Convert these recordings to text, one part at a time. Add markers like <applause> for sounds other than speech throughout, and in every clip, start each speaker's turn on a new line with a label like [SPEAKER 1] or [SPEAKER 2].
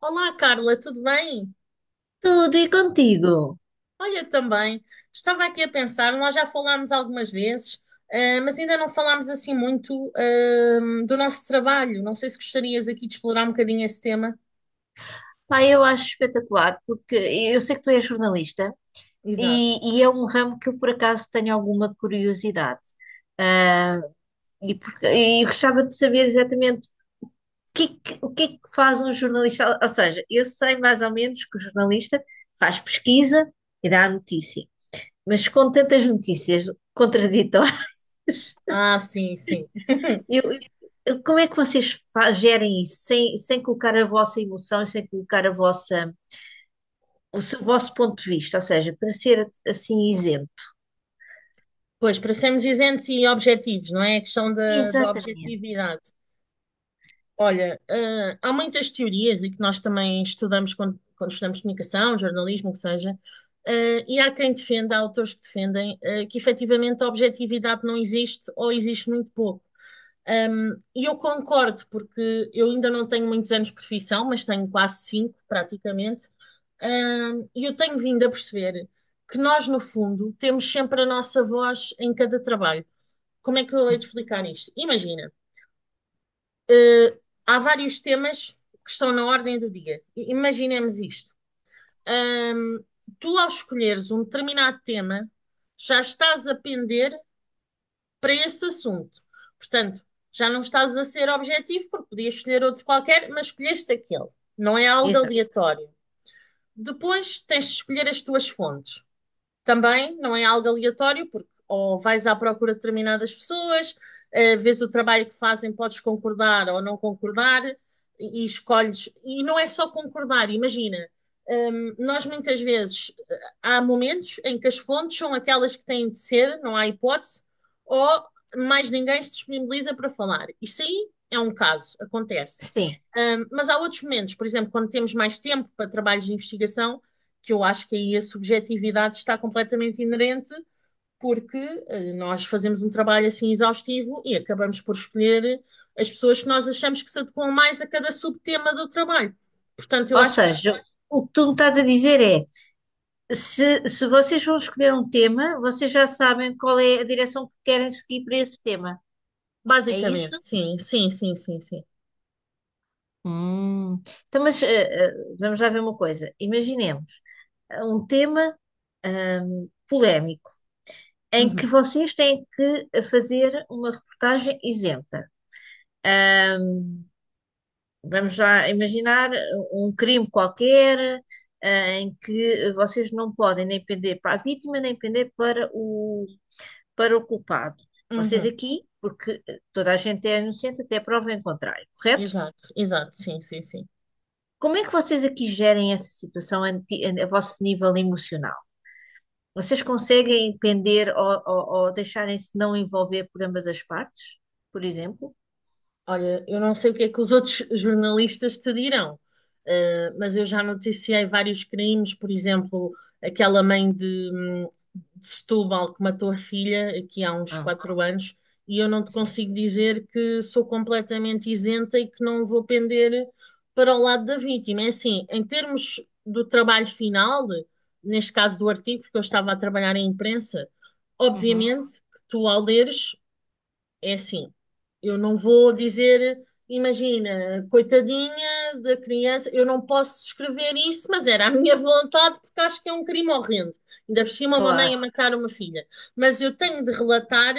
[SPEAKER 1] Olá, Carla, tudo bem?
[SPEAKER 2] Tudo e contigo?
[SPEAKER 1] Olha, também, estava aqui a pensar, nós já falámos algumas vezes, mas ainda não falámos assim muito, do nosso trabalho. Não sei se gostarias aqui de explorar um bocadinho esse tema.
[SPEAKER 2] Pá, eu acho espetacular, porque eu sei que tu és jornalista
[SPEAKER 1] Exato.
[SPEAKER 2] e é um ramo que eu por acaso tenho alguma curiosidade. Ah, e eu gostava de saber exatamente o que, é o que é que faz um jornalista. Ou seja, eu sei mais ou menos que o jornalista faz pesquisa e dá a notícia, mas com tantas notícias contraditórias, <laughs>
[SPEAKER 1] Ah, sim, sim.
[SPEAKER 2] eu, como é que vocês gerem isso sem colocar a vossa emoção e sem colocar a vossa. O seu vosso ponto de vista, ou seja, para ser assim isento.
[SPEAKER 1] Pois, para sermos isentos e objetivos, não é? A questão da
[SPEAKER 2] Exatamente.
[SPEAKER 1] objetividade. Olha, há muitas teorias e que nós também estudamos quando estudamos comunicação, jornalismo, o que seja, e há quem defenda, há autores que defendem, que efetivamente a objetividade não existe ou existe muito pouco. E eu concordo, porque eu ainda não tenho muitos anos de profissão, mas tenho quase cinco, praticamente. E eu tenho vindo a perceber que nós, no fundo, temos sempre a nossa voz em cada trabalho. Como é que eu hei de explicar isto? Imagina. Uh, Há vários temas que estão na ordem do dia. Imaginemos isto. Um, Tu, ao escolheres um determinado tema, já estás a pender para esse assunto. Portanto, já não estás a ser objetivo, porque podias escolher outro qualquer, mas escolheste aquele. Não é algo
[SPEAKER 2] Exato.
[SPEAKER 1] aleatório. Depois tens de escolher as tuas fontes, também não é algo aleatório, porque ou vais à procura de determinadas pessoas, vês o trabalho que fazem, podes concordar ou não concordar, e escolhes. E não é só concordar, imagina. Hum, nós muitas vezes, há momentos em que as fontes são aquelas que têm de ser, não há hipótese, ou mais ninguém se disponibiliza para falar. Isso aí é um caso, acontece.
[SPEAKER 2] Sim.
[SPEAKER 1] Mas há outros momentos, por exemplo, quando temos mais tempo para trabalhos de investigação, que eu acho que aí a subjetividade está completamente inerente, porque nós fazemos um trabalho assim exaustivo e acabamos por escolher as pessoas que nós achamos que se adequam mais a cada subtema do trabalho. Portanto, eu
[SPEAKER 2] Ou
[SPEAKER 1] acho que
[SPEAKER 2] seja, o que tu me estás a dizer é: se vocês vão escolher um tema, vocês já sabem qual é a direção que querem seguir para esse tema. É isso?
[SPEAKER 1] basicamente, sim, sim, sim, sim, sim.
[SPEAKER 2] Hum. Então, mas vamos lá ver uma coisa. Imaginemos um tema polémico em que
[SPEAKER 1] Uhum,
[SPEAKER 2] vocês têm que fazer uma reportagem isenta. Hum. Vamos já imaginar um crime qualquer, em que vocês não podem nem pender para a vítima, nem pender para para o culpado. Vocês
[SPEAKER 1] uhum.
[SPEAKER 2] aqui, porque toda a gente é inocente até prova em contrário, correto?
[SPEAKER 1] Exato, exato, sim, sim, sim.
[SPEAKER 2] Como é que vocês aqui gerem essa situação a vosso nível emocional? Vocês conseguem pender ou deixarem-se não envolver por ambas as partes, por exemplo?
[SPEAKER 1] Olha, eu não sei o que é que os outros <laughs> jornalistas te dirão, mas eu já noticiei vários crimes, por exemplo, aquela mãe de Setúbal que matou a filha aqui há uns
[SPEAKER 2] Ah,
[SPEAKER 1] quatro anos, e eu não te
[SPEAKER 2] sim.
[SPEAKER 1] consigo dizer que sou completamente isenta e que não vou pender para o lado da vítima. É assim, em termos do trabalho final, neste caso do artigo, porque eu estava a trabalhar em imprensa,
[SPEAKER 2] Uhum.
[SPEAKER 1] obviamente que tu ao leres, é assim, eu não vou dizer, imagina, coitadinha da criança, eu não posso escrever isso, mas era a minha vontade porque acho que é um crime horrendo. Ainda por cima uma mãe
[SPEAKER 2] Claro,
[SPEAKER 1] a matar uma filha. Mas eu tenho de relatar,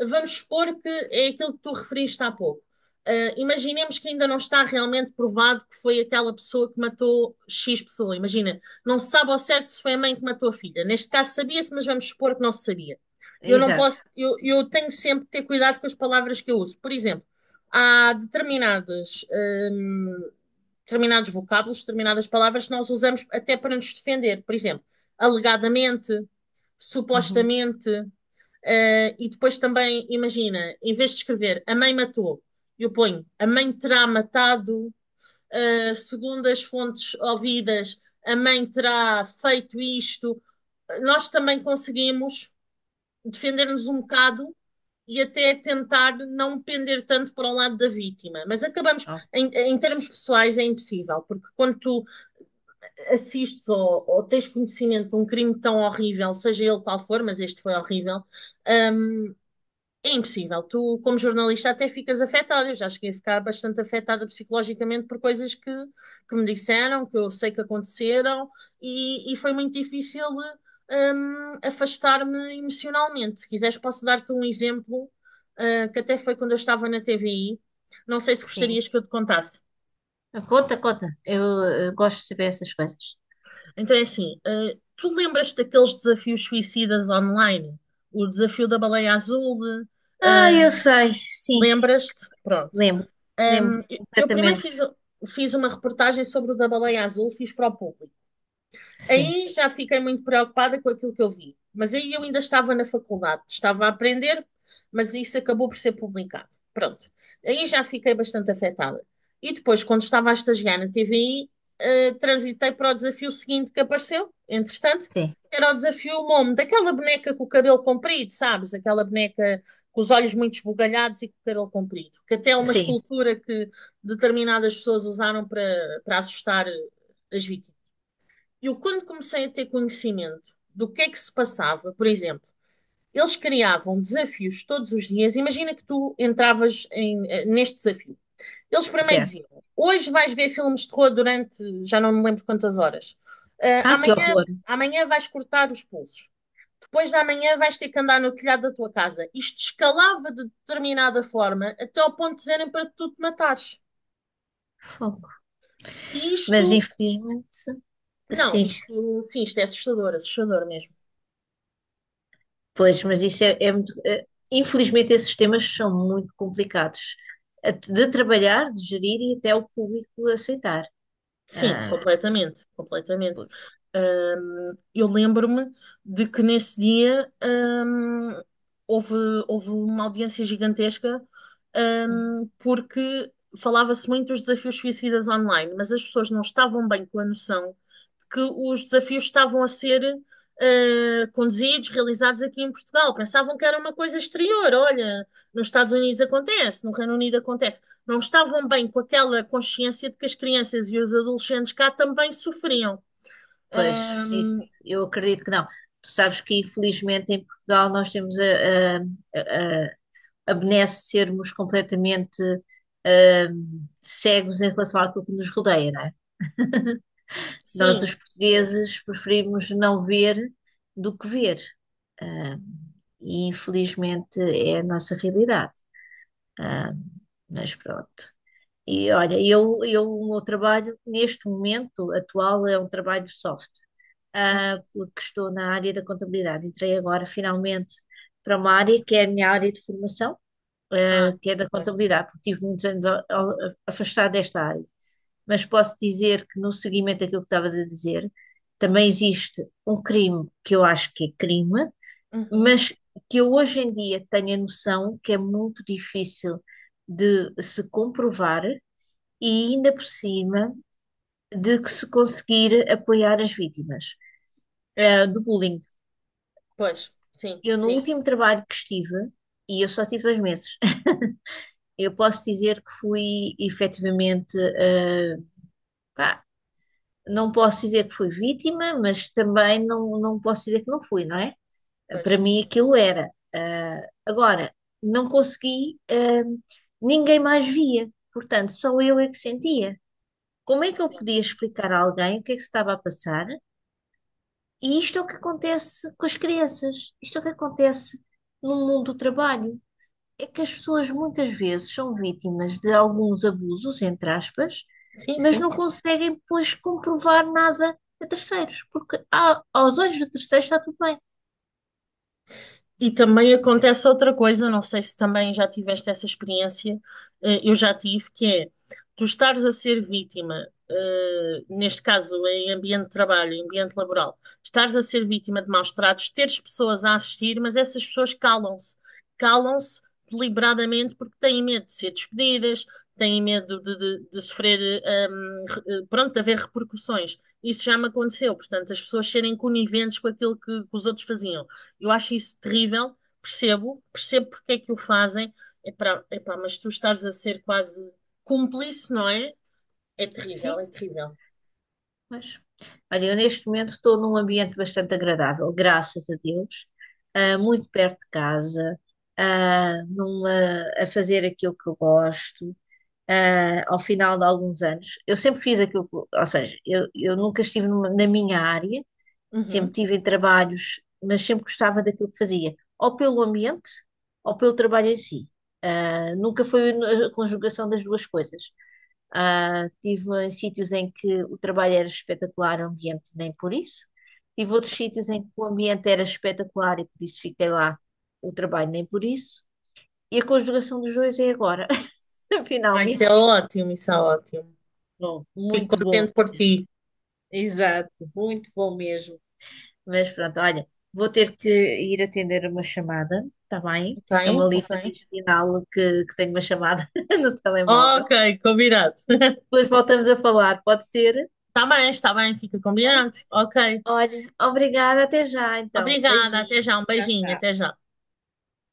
[SPEAKER 1] vamos supor que é aquilo que tu referiste há pouco. Ah, imaginemos que ainda não está realmente provado que foi aquela pessoa que matou X pessoa. Imagina, não se sabe ao certo se foi a mãe que matou a filha. Neste caso sabia-se, mas vamos supor que não se sabia. Eu não
[SPEAKER 2] exato.
[SPEAKER 1] posso, eu tenho sempre que ter cuidado com as palavras que eu uso. Por exemplo, há determinadas, hum, determinados vocábulos, determinadas palavras que nós usamos até para nos defender. Por exemplo, alegadamente,
[SPEAKER 2] Uhum.
[SPEAKER 1] supostamente, e depois também, imagina, em vez de escrever a mãe matou, eu ponho a mãe terá matado, segundo as fontes ouvidas, a mãe terá feito isto. Nós também conseguimos defender-nos um bocado e até tentar não pender tanto para o lado da vítima. Mas acabamos,
[SPEAKER 2] Oh,
[SPEAKER 1] em termos pessoais, é impossível, porque quando tu assistes ou, tens conhecimento de um crime tão horrível, seja ele qual for, mas este foi horrível, é impossível. Tu, como jornalista, até ficas afetada. Eu já cheguei a ficar bastante afetada psicologicamente por coisas que me disseram, que eu sei que aconteceram, e foi muito difícil, afastar-me emocionalmente. Se quiseres, posso dar-te um exemplo, que até foi quando eu estava na TVI. Não sei se
[SPEAKER 2] sim.
[SPEAKER 1] gostarias que eu te contasse.
[SPEAKER 2] Conta, conta. Eu gosto de saber essas coisas.
[SPEAKER 1] Então é assim, tu lembras-te daqueles desafios suicidas online? O desafio da baleia azul?
[SPEAKER 2] Ah, eu sei, sim,
[SPEAKER 1] Lembras-te? Pronto.
[SPEAKER 2] lembro, lembro
[SPEAKER 1] Eu primeiro
[SPEAKER 2] completamente.
[SPEAKER 1] fiz, fiz uma reportagem sobre o da baleia azul, fiz para o público.
[SPEAKER 2] Sim,
[SPEAKER 1] Aí já fiquei muito preocupada com aquilo que eu vi. Mas aí eu ainda estava na faculdade, estava a aprender, mas isso acabou por ser publicado. Pronto. Aí já fiquei bastante afetada. E depois, quando estava a estagiar na TVI, transitei para o desafio seguinte que apareceu, entretanto,
[SPEAKER 2] sim,
[SPEAKER 1] era o desafio Momo, daquela boneca com o cabelo comprido, sabes? Aquela boneca com os olhos muito esbugalhados e com o cabelo comprido, que até é uma
[SPEAKER 2] sim,
[SPEAKER 1] escultura que determinadas pessoas usaram para, para assustar as vítimas. Eu, quando comecei a ter conhecimento do que é que se passava, por exemplo, eles criavam desafios todos os dias. Imagina que tu entravas em, neste desafio eles primeiro
[SPEAKER 2] certo.
[SPEAKER 1] diziam: hoje vais ver filmes de terror durante, já não me lembro quantas horas. Ah,
[SPEAKER 2] Ah, que
[SPEAKER 1] amanhã,
[SPEAKER 2] horror!
[SPEAKER 1] amanhã vais cortar os pulsos. Depois da manhã vais ter que andar no telhado da tua casa. Isto escalava de determinada forma até ao ponto de dizerem para tu te matares.
[SPEAKER 2] Fogo.
[SPEAKER 1] E isto,
[SPEAKER 2] Mas infelizmente,
[SPEAKER 1] não,
[SPEAKER 2] sim.
[SPEAKER 1] isto sim, isto é assustador, assustador mesmo.
[SPEAKER 2] Pois, mas isso é muito. Infelizmente, esses temas são muito complicados de trabalhar, de gerir e até o público aceitar.
[SPEAKER 1] Sim,
[SPEAKER 2] Ah,
[SPEAKER 1] completamente, completamente.
[SPEAKER 2] por-
[SPEAKER 1] Eu lembro-me de que nesse dia, houve, houve uma audiência gigantesca,
[SPEAKER 2] Uhum.
[SPEAKER 1] porque falava-se muito dos desafios suicidas online, mas as pessoas não estavam bem com a noção de que os desafios estavam a ser, ah, conduzidos, realizados aqui em Portugal. Pensavam que era uma coisa exterior. Olha, nos Estados Unidos acontece, no Reino Unido acontece, não estavam bem com aquela consciência de que as crianças e os adolescentes cá também sofriam.
[SPEAKER 2] Pois,
[SPEAKER 1] Ahm,
[SPEAKER 2] isso eu acredito que não. Tu sabes que, infelizmente, em Portugal nós temos a, a, a benesse de sermos completamente cegos em relação àquilo que nos rodeia, não é? Nós,
[SPEAKER 1] sim,
[SPEAKER 2] os
[SPEAKER 1] sim.
[SPEAKER 2] portugueses, preferimos não ver do que ver. Ah, e infelizmente é a nossa realidade. Ah, mas pronto. E olha, o meu trabalho neste momento atual é um trabalho soft,
[SPEAKER 1] Uhum.
[SPEAKER 2] porque estou na área da contabilidade. Entrei agora finalmente para uma área que é a minha área de formação,
[SPEAKER 1] Ah,
[SPEAKER 2] que é da
[SPEAKER 1] ok.
[SPEAKER 2] contabilidade, porque tive muitos anos afastada desta área. Mas posso dizer que no seguimento daquilo que estavas a dizer, também existe um crime que eu acho que é crime,
[SPEAKER 1] Uhum.
[SPEAKER 2] mas que eu hoje em dia tenho a noção que é muito difícil de se comprovar e ainda por cima de que se conseguir apoiar as vítimas do bullying.
[SPEAKER 1] Pois, sim,
[SPEAKER 2] Eu no
[SPEAKER 1] sim, sim,
[SPEAKER 2] último
[SPEAKER 1] sim.
[SPEAKER 2] trabalho que estive, e eu só tive 2 meses, <laughs> eu posso dizer que fui efetivamente, pá, não posso dizer que fui vítima, mas também não posso dizer que não fui, não é?
[SPEAKER 1] Pois,
[SPEAKER 2] Para mim
[SPEAKER 1] sim,
[SPEAKER 2] aquilo era. Agora, não consegui, ninguém mais via, portanto, só eu é que sentia. Como é que eu
[SPEAKER 1] claro.
[SPEAKER 2] podia explicar a alguém o que é que se estava a passar? E isto é o que acontece com as crianças, isto é o que acontece no mundo do trabalho. É que as pessoas muitas vezes são vítimas de alguns abusos, entre aspas,
[SPEAKER 1] Sim,
[SPEAKER 2] mas
[SPEAKER 1] sim.
[SPEAKER 2] não conseguem depois comprovar nada a terceiros, porque aos olhos de terceiros está tudo bem.
[SPEAKER 1] E também acontece outra coisa, não sei se também já tiveste essa experiência, eu já tive, que é tu estares a ser vítima, neste caso em ambiente de trabalho, em ambiente laboral, estares a ser vítima de maus tratos, teres pessoas a assistir, mas essas pessoas calam-se, calam-se deliberadamente porque têm medo de ser despedidas, têm medo de, de sofrer, pronto, de haver repercussões. Isso já me aconteceu, portanto, as pessoas serem coniventes com aquilo que os outros faziam. Eu acho isso terrível, percebo, percebo porque é que o fazem. Epá, epá, mas tu estás a ser quase cúmplice, não é? É terrível,
[SPEAKER 2] Sim.
[SPEAKER 1] é terrível.
[SPEAKER 2] Mas, olha, eu neste momento estou num ambiente bastante agradável, graças a Deus, muito perto de casa, ah, numa, a fazer aquilo que eu gosto, ao final de alguns anos. Eu sempre fiz aquilo que, ou seja, eu nunca estive na minha área. Sempre
[SPEAKER 1] Uhum.
[SPEAKER 2] tive em trabalhos, mas sempre gostava daquilo que fazia, ou pelo ambiente, ou pelo trabalho em si. Ah, nunca foi a conjugação das duas coisas. Ah, tive em sítios em que o trabalho era espetacular, o ambiente nem por isso. Tive outros sítios em que o ambiente era espetacular e por isso fiquei lá, o trabalho nem por isso. E a conjugação dos dois é agora, <laughs>
[SPEAKER 1] Ah, isso é
[SPEAKER 2] finalmente.
[SPEAKER 1] ótimo, isso é ótimo.
[SPEAKER 2] Bom,
[SPEAKER 1] Fico
[SPEAKER 2] muito bom,
[SPEAKER 1] contente por ti.
[SPEAKER 2] exato, muito bom mesmo. Mas pronto, olha, vou ter que ir atender uma chamada, está bem?
[SPEAKER 1] Ok,
[SPEAKER 2] Estão ali a
[SPEAKER 1] ok.
[SPEAKER 2] fazer sinal que tenho uma chamada <laughs> no telemóvel.
[SPEAKER 1] Ok, combinado. <laughs>
[SPEAKER 2] Depois voltamos a falar, pode ser?
[SPEAKER 1] Tá bem, está bem, fica
[SPEAKER 2] Bem?
[SPEAKER 1] combinado. Ok.
[SPEAKER 2] Olha, obrigada, até já então.
[SPEAKER 1] Obrigada, até
[SPEAKER 2] Beijinho,
[SPEAKER 1] já, um
[SPEAKER 2] tchau,
[SPEAKER 1] beijinho,
[SPEAKER 2] tchau.
[SPEAKER 1] até já.